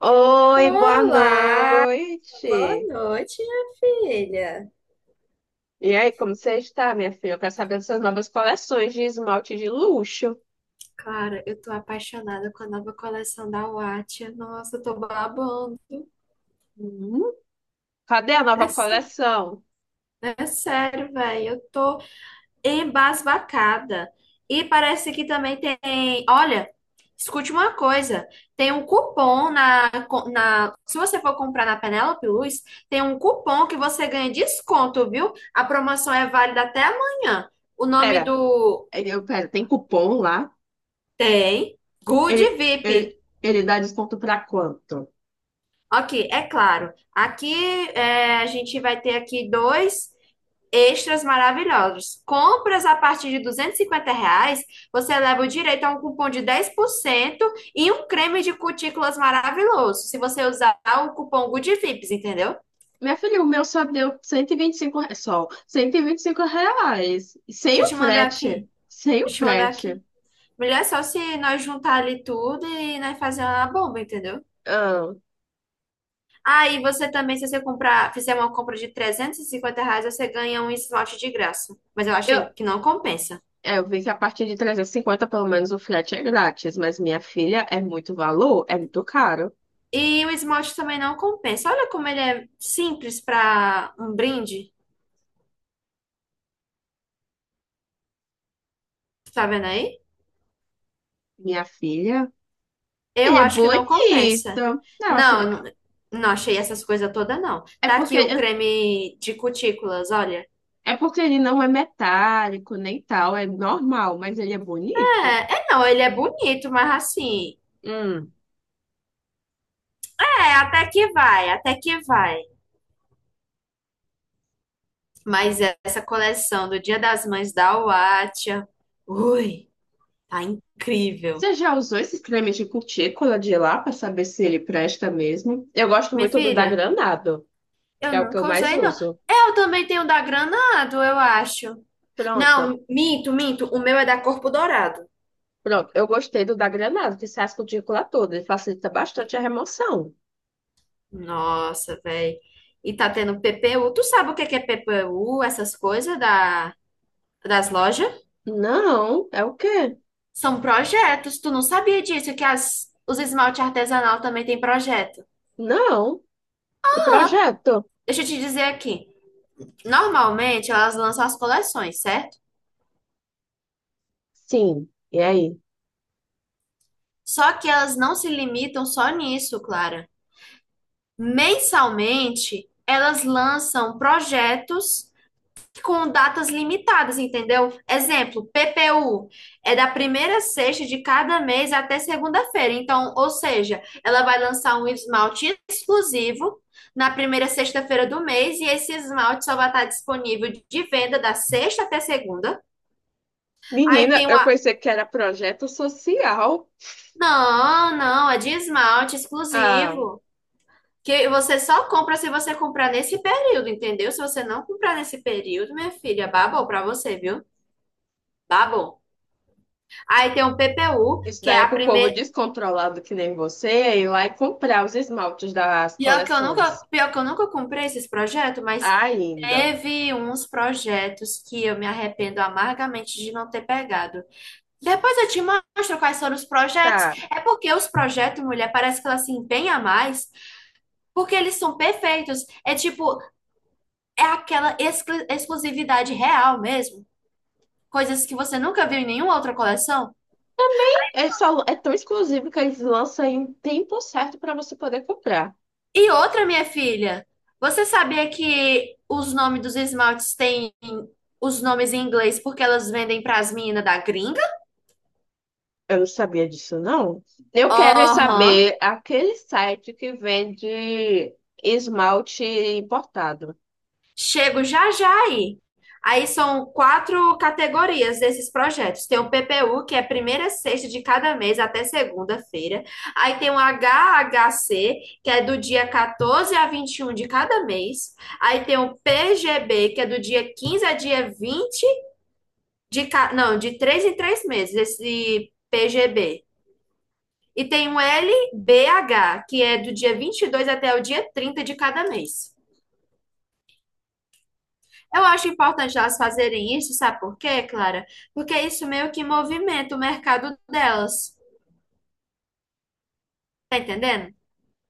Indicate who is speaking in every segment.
Speaker 1: Oi, boa
Speaker 2: Olá, boa
Speaker 1: noite.
Speaker 2: noite, minha filha.
Speaker 1: E aí, como você está, minha filha? Eu quero saber das suas novas coleções de esmalte de luxo.
Speaker 2: Cara, eu tô apaixonada com a nova coleção da Wattia. Nossa, eu tô babando.
Speaker 1: Hum, cadê a nova
Speaker 2: É sério,
Speaker 1: coleção?
Speaker 2: é sério, velho. Eu tô embasbacada. E parece que também tem. Olha, escute uma coisa: tem um cupom na, na. Se você for comprar na Penélope Luz, tem um cupom que você ganha desconto, viu? A promoção é válida até amanhã. O nome
Speaker 1: Pera,
Speaker 2: do.
Speaker 1: pera, tem cupom lá?
Speaker 2: Tem. Good
Speaker 1: Ele,
Speaker 2: VIP.
Speaker 1: ele, ele dá desconto para quanto?
Speaker 2: Ok, é claro. Aqui é, a gente vai ter aqui dois extras maravilhosos. Compras a partir de R$ 250, você leva o direito a um cupom de 10% e um creme de cutículas maravilhoso. Se você usar o cupom Good VIPs, entendeu?
Speaker 1: Minha filha, o meu só deu 125 reais, só 125 reais. Sem
Speaker 2: Deixa eu
Speaker 1: o
Speaker 2: te mandar
Speaker 1: frete.
Speaker 2: aqui.
Speaker 1: Sem o
Speaker 2: Deixa eu te mandar
Speaker 1: frete.
Speaker 2: aqui. Melhor é só se nós juntar ali tudo e nós fazer uma bomba, entendeu?
Speaker 1: Ah,
Speaker 2: Aí você também, se você comprar, fizer uma compra de R$ 350, você ganha um esmalte de graça. Mas eu
Speaker 1: eu,
Speaker 2: achei que não compensa.
Speaker 1: É, eu vi que a partir de 350, pelo menos, o frete é grátis, mas minha filha é muito valor, é muito caro.
Speaker 2: E o esmalte também não compensa. Olha como ele é simples para um brinde. Tá vendo aí?
Speaker 1: Minha filha,
Speaker 2: Eu
Speaker 1: ele é
Speaker 2: acho que não
Speaker 1: bonito.
Speaker 2: compensa.
Speaker 1: Não, eu acho...
Speaker 2: Não,
Speaker 1: ele-
Speaker 2: eu não não achei essas coisas todas, não.
Speaker 1: É
Speaker 2: Tá
Speaker 1: porque,
Speaker 2: aqui o creme de cutículas, olha.
Speaker 1: é porque ele não é metálico, nem tal, é normal, mas ele é bonito.
Speaker 2: É, é não, ele é bonito, mas assim.
Speaker 1: Hum.
Speaker 2: É, até que vai, até que vai. Mas essa coleção do Dia das Mães da Huatia, ui, tá incrível.
Speaker 1: Você já usou esses cremes de cutícula de lá para saber se ele presta mesmo? Eu gosto
Speaker 2: Minha
Speaker 1: muito do da
Speaker 2: filha,
Speaker 1: Granado, que
Speaker 2: eu
Speaker 1: é o que eu
Speaker 2: nunca
Speaker 1: mais
Speaker 2: usei, não.
Speaker 1: uso.
Speaker 2: Eu também tenho da Granado, eu acho.
Speaker 1: Pronto,
Speaker 2: Não, minto, minto. O meu é da Corpo Dourado.
Speaker 1: pronto. Eu gostei do da Granado, que sai as cutículas todas, ele facilita bastante a remoção.
Speaker 2: Nossa, velho. E tá tendo PPU. Tu sabe o que que é PPU, essas coisas das lojas?
Speaker 1: Não, é o quê?
Speaker 2: São projetos. Tu não sabia disso, que os esmalte artesanal também tem projeto.
Speaker 1: Não, que projeto?
Speaker 2: Deixa eu te dizer aqui. Normalmente elas lançam as coleções, certo?
Speaker 1: Sim, e aí?
Speaker 2: Só que elas não se limitam só nisso, Clara. Mensalmente, elas lançam projetos com datas limitadas, entendeu? Exemplo, PPU é da primeira sexta de cada mês até segunda-feira. Então, ou seja, ela vai lançar um esmalte exclusivo na primeira sexta-feira do mês e esse esmalte só vai estar disponível de venda da sexta até segunda. Aí
Speaker 1: Menina,
Speaker 2: tem o...
Speaker 1: eu
Speaker 2: a-
Speaker 1: pensei que era projeto social.
Speaker 2: Não, não, é de esmalte
Speaker 1: Ah,
Speaker 2: exclusivo. Que você só compra se você comprar nesse período, entendeu? Se você não comprar nesse período, minha filha, babou pra você, viu? Babou. Aí tem o PPU,
Speaker 1: isso
Speaker 2: que é
Speaker 1: daí é
Speaker 2: a
Speaker 1: pro povo
Speaker 2: primeira.
Speaker 1: descontrolado que nem você é ir lá e comprar os esmaltes das
Speaker 2: Pior que eu nunca,
Speaker 1: coleções.
Speaker 2: pior que eu nunca comprei esses projetos, mas
Speaker 1: Ainda.
Speaker 2: teve uns projetos que eu me arrependo amargamente de não ter pegado. Depois eu te mostro quais foram os projetos.
Speaker 1: Tá.
Speaker 2: É porque os projetos, mulher, parece que ela se empenha mais, porque eles são perfeitos. É tipo, é aquela exclusividade real mesmo. Coisas que você nunca viu em nenhuma outra coleção?
Speaker 1: Também é, só, é tão exclusivo que eles lançam em um tempo certo para você poder comprar.
Speaker 2: E outra, minha filha, você sabia que os nomes dos esmaltes têm os nomes em inglês porque elas vendem pras meninas da gringa?
Speaker 1: Eu não sabia disso, não. Eu quero é
Speaker 2: Aham.
Speaker 1: saber aquele site que vende esmalte importado.
Speaker 2: Chego já já aí. Aí são quatro categorias desses projetos. Tem o PPU, que é primeira sexta de cada mês até segunda-feira. Aí tem o HHC, que é do dia 14 a 21 de cada mês. Aí tem o PGB, que é do dia 15 a dia 20 não, de 3 em 3 meses, esse PGB. E tem o LBH, que é do dia 22 até o dia 30 de cada mês. Eu acho importante elas fazerem isso, sabe por quê, Clara? Porque isso meio que movimenta o mercado delas. Tá entendendo?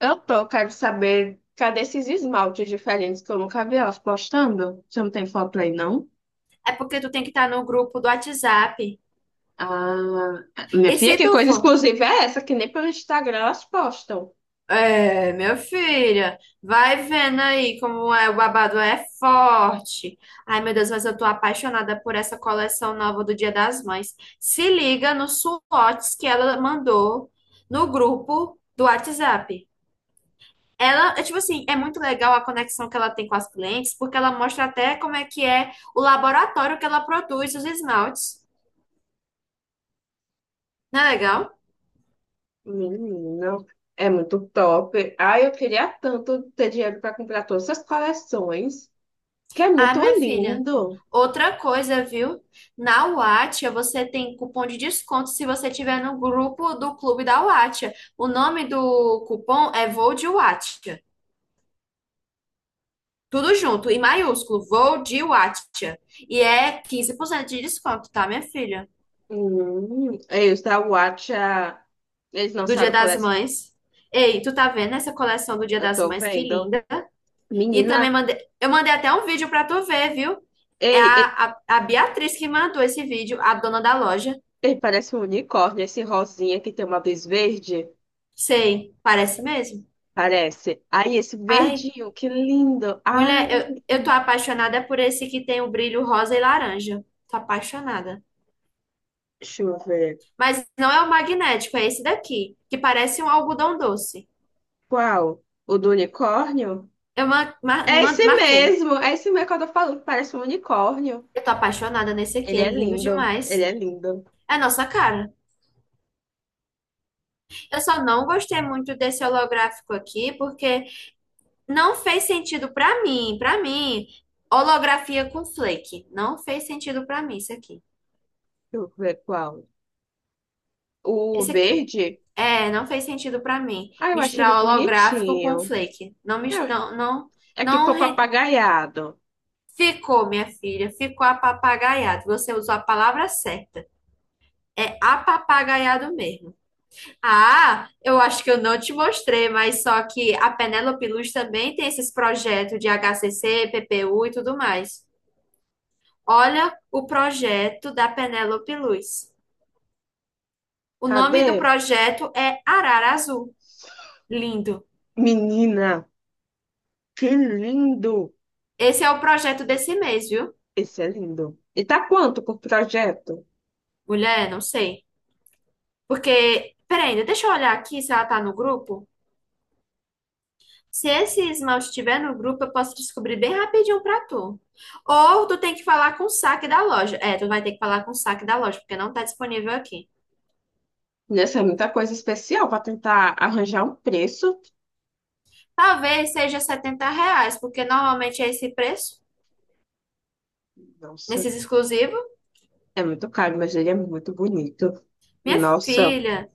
Speaker 1: Eu tô, quero saber, cadê esses esmaltes diferentes que eu nunca vi elas postando? Você não tem foto aí, não?
Speaker 2: É porque tu tem que estar no grupo do WhatsApp.
Speaker 1: Ah, minha
Speaker 2: E se
Speaker 1: filha, que
Speaker 2: tu
Speaker 1: coisa
Speaker 2: for,
Speaker 1: exclusiva é essa? Que nem pelo Instagram elas postam.
Speaker 2: é, meu filho, vai vendo aí como é, o babado é forte. Ai, meu Deus, mas eu tô apaixonada por essa coleção nova do Dia das Mães. Se liga nos swatches que ela mandou no grupo do WhatsApp. Ela, é tipo assim, é muito legal a conexão que ela tem com as clientes, porque ela mostra até como é que é o laboratório que ela produz os esmaltes. Não é legal?
Speaker 1: Menina, é muito top. Ai, eu queria tanto ter dinheiro para comprar todas essas coleções, que é
Speaker 2: Ah,
Speaker 1: muito
Speaker 2: minha filha,
Speaker 1: lindo.
Speaker 2: outra coisa, viu? Na Wattia você tem cupom de desconto se você tiver no grupo do clube da Wattia. O nome do cupom é Vou de Wattia. Tudo junto, em maiúsculo, Vou de Wattia. E é 15% de desconto, tá, minha filha?
Speaker 1: E os da Watcha, eles
Speaker 2: Do Dia
Speaker 1: lançaram
Speaker 2: das
Speaker 1: coleção,
Speaker 2: Mães. Ei, tu tá vendo essa coleção do Dia
Speaker 1: eu
Speaker 2: das
Speaker 1: tô
Speaker 2: Mães? Que
Speaker 1: vendo.
Speaker 2: linda. E
Speaker 1: Menina,
Speaker 2: também mandei, eu mandei até um vídeo pra tu ver, viu? É
Speaker 1: ei, ei,
Speaker 2: a Beatriz que mandou esse vídeo, a dona da loja.
Speaker 1: ei, parece um unicórnio, esse rosinha que tem uma luz verde.
Speaker 2: Sei, parece mesmo.
Speaker 1: Parece. Aí, esse
Speaker 2: Ai,
Speaker 1: verdinho, que lindo. Ah,
Speaker 2: mulher, eu tô apaixonada por esse que tem o brilho rosa e laranja. Tô apaixonada.
Speaker 1: deixa eu ver.
Speaker 2: Mas não é o magnético, é esse daqui, que parece um algodão doce.
Speaker 1: Qual? O do unicórnio?
Speaker 2: Eu ma- ma-
Speaker 1: É
Speaker 2: ma-
Speaker 1: esse
Speaker 2: marquei.
Speaker 1: mesmo. É esse mesmo que eu tô falando, que parece um unicórnio.
Speaker 2: Eu tô apaixonada nesse aqui,
Speaker 1: Ele
Speaker 2: é
Speaker 1: é
Speaker 2: lindo
Speaker 1: lindo. Ele
Speaker 2: demais.
Speaker 1: é lindo.
Speaker 2: É a nossa cara. Eu só não gostei muito desse holográfico aqui, porque não fez sentido pra mim, pra mim. Holografia com flake, não fez sentido pra mim isso aqui.
Speaker 1: Deixa eu ver qual. O
Speaker 2: Esse aqui.
Speaker 1: verde?
Speaker 2: É, não fez sentido pra mim
Speaker 1: Ah, eu achei ele
Speaker 2: misturar holográfico com
Speaker 1: bonitinho.
Speaker 2: flake. Não mis-
Speaker 1: É,
Speaker 2: não não
Speaker 1: é que
Speaker 2: não
Speaker 1: ficou
Speaker 2: re-
Speaker 1: papagaiado.
Speaker 2: ficou, minha filha, ficou apapagaiado. Você usou a palavra certa. É apapagaiado mesmo. Ah, eu acho que eu não te mostrei, mas só que a Penélope Luz também tem esses projetos de HCC, PPU e tudo mais. Olha o projeto da Penélope Luz. O nome
Speaker 1: Cadê?
Speaker 2: do projeto é Arara Azul. Lindo.
Speaker 1: Menina, que lindo!
Speaker 2: Esse é o projeto desse mês, viu?
Speaker 1: Esse é lindo. E tá quanto por projeto?
Speaker 2: Mulher, não sei. Porque, peraí, deixa eu olhar aqui se ela tá no grupo. Se esse esmalte estiver no grupo, eu posso descobrir bem rapidinho pra tu. Ou tu tem que falar com o saque da loja. É, tu vai ter que falar com o saque da loja, porque não tá disponível aqui.
Speaker 1: Nessa é muita coisa especial para tentar arranjar um preço.
Speaker 2: Talvez seja R$ 70, porque normalmente é esse preço,
Speaker 1: Nossa,
Speaker 2: nesses exclusivos.
Speaker 1: é muito caro, mas ele é muito bonito.
Speaker 2: Minha
Speaker 1: Nossa,
Speaker 2: filha,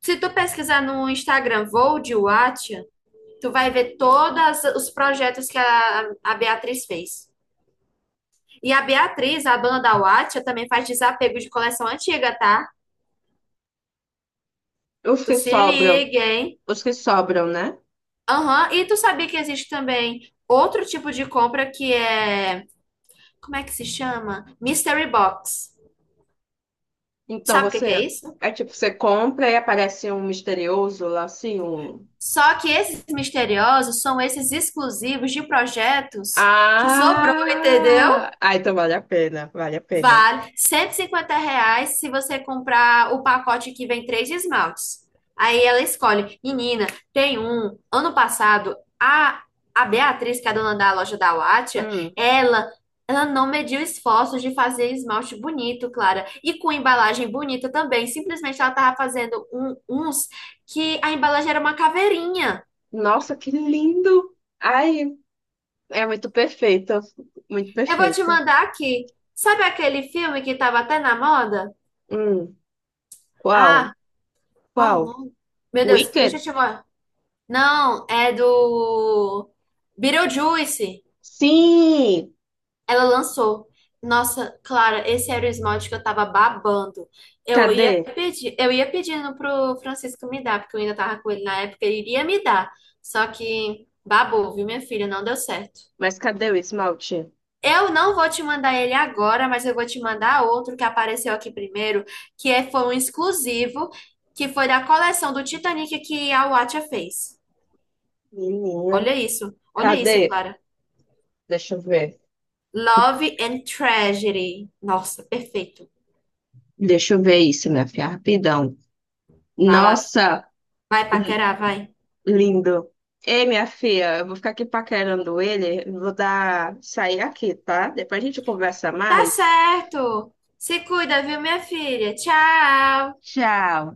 Speaker 2: se tu pesquisar no Instagram Vou de Wattia, tu vai ver todos os projetos que a Beatriz fez. E a Beatriz, a dona da Wattia, também faz desapego de coleção antiga, tá?
Speaker 1: os
Speaker 2: Tu
Speaker 1: que
Speaker 2: se
Speaker 1: sobram,
Speaker 2: liga, hein?
Speaker 1: os que sobram, né?
Speaker 2: Aham, e tu sabia que existe também outro tipo de compra que é, como é que se chama? Mystery Box.
Speaker 1: Então
Speaker 2: Sabe o que que é
Speaker 1: você
Speaker 2: isso?
Speaker 1: é tipo, você compra e aparece um misterioso lá assim, um.
Speaker 2: Só que esses misteriosos são esses exclusivos de projetos que sobrou, entendeu?
Speaker 1: Ah! Ah, então vale a pena, vale a pena.
Speaker 2: Vale R$ 150 se você comprar o pacote que vem três esmaltes. Aí ela escolhe. Menina, tem um. Ano passado, a Beatriz, que é a dona da loja da Wattia,
Speaker 1: Hum.
Speaker 2: ela, ela não mediu esforços de fazer esmalte bonito, Clara. E com embalagem bonita também. Simplesmente ela tava fazendo uns que a embalagem era uma caveirinha.
Speaker 1: Nossa, que lindo! Ai, é muito perfeito, muito
Speaker 2: Eu vou te
Speaker 1: perfeito.
Speaker 2: mandar aqui. Sabe aquele filme que tava até na moda?
Speaker 1: Hum. Qual?
Speaker 2: Ah, qual o
Speaker 1: Qual?
Speaker 2: nome? Meu Deus, deixa eu
Speaker 1: Wicked?
Speaker 2: te, mo- não, é do Beetlejuice.
Speaker 1: Sim!
Speaker 2: Ela lançou. Nossa, Clara, esse era o esmalte que eu tava babando. Eu
Speaker 1: Cadê?
Speaker 2: ia pedir, eu ia pedindo pro Francisco me dar, porque eu ainda tava com ele na época, ele iria me dar. Só que babou, viu, minha filha? Não deu certo.
Speaker 1: Mas cadê o esmalte?
Speaker 2: Eu não vou te mandar ele agora, mas eu vou te mandar outro que apareceu aqui primeiro, que é, foi um exclusivo, que foi da coleção do Titanic que a Watcha fez.
Speaker 1: Menina.
Speaker 2: Olha
Speaker 1: Cadê?
Speaker 2: isso, Clara.
Speaker 1: Deixa eu ver.
Speaker 2: Love and Tragedy. Nossa, perfeito.
Speaker 1: Deixa eu ver isso, minha filha, rapidão.
Speaker 2: Vai lá,
Speaker 1: Nossa,
Speaker 2: vai
Speaker 1: li-
Speaker 2: paquerar, vai.
Speaker 1: lindo. Ei, minha filha, eu vou ficar aqui paquerando ele. Vou dar sair aqui, tá? Depois a gente conversa
Speaker 2: Tá
Speaker 1: mais.
Speaker 2: certo. Se cuida, viu, minha filha? Tchau.
Speaker 1: Tchau.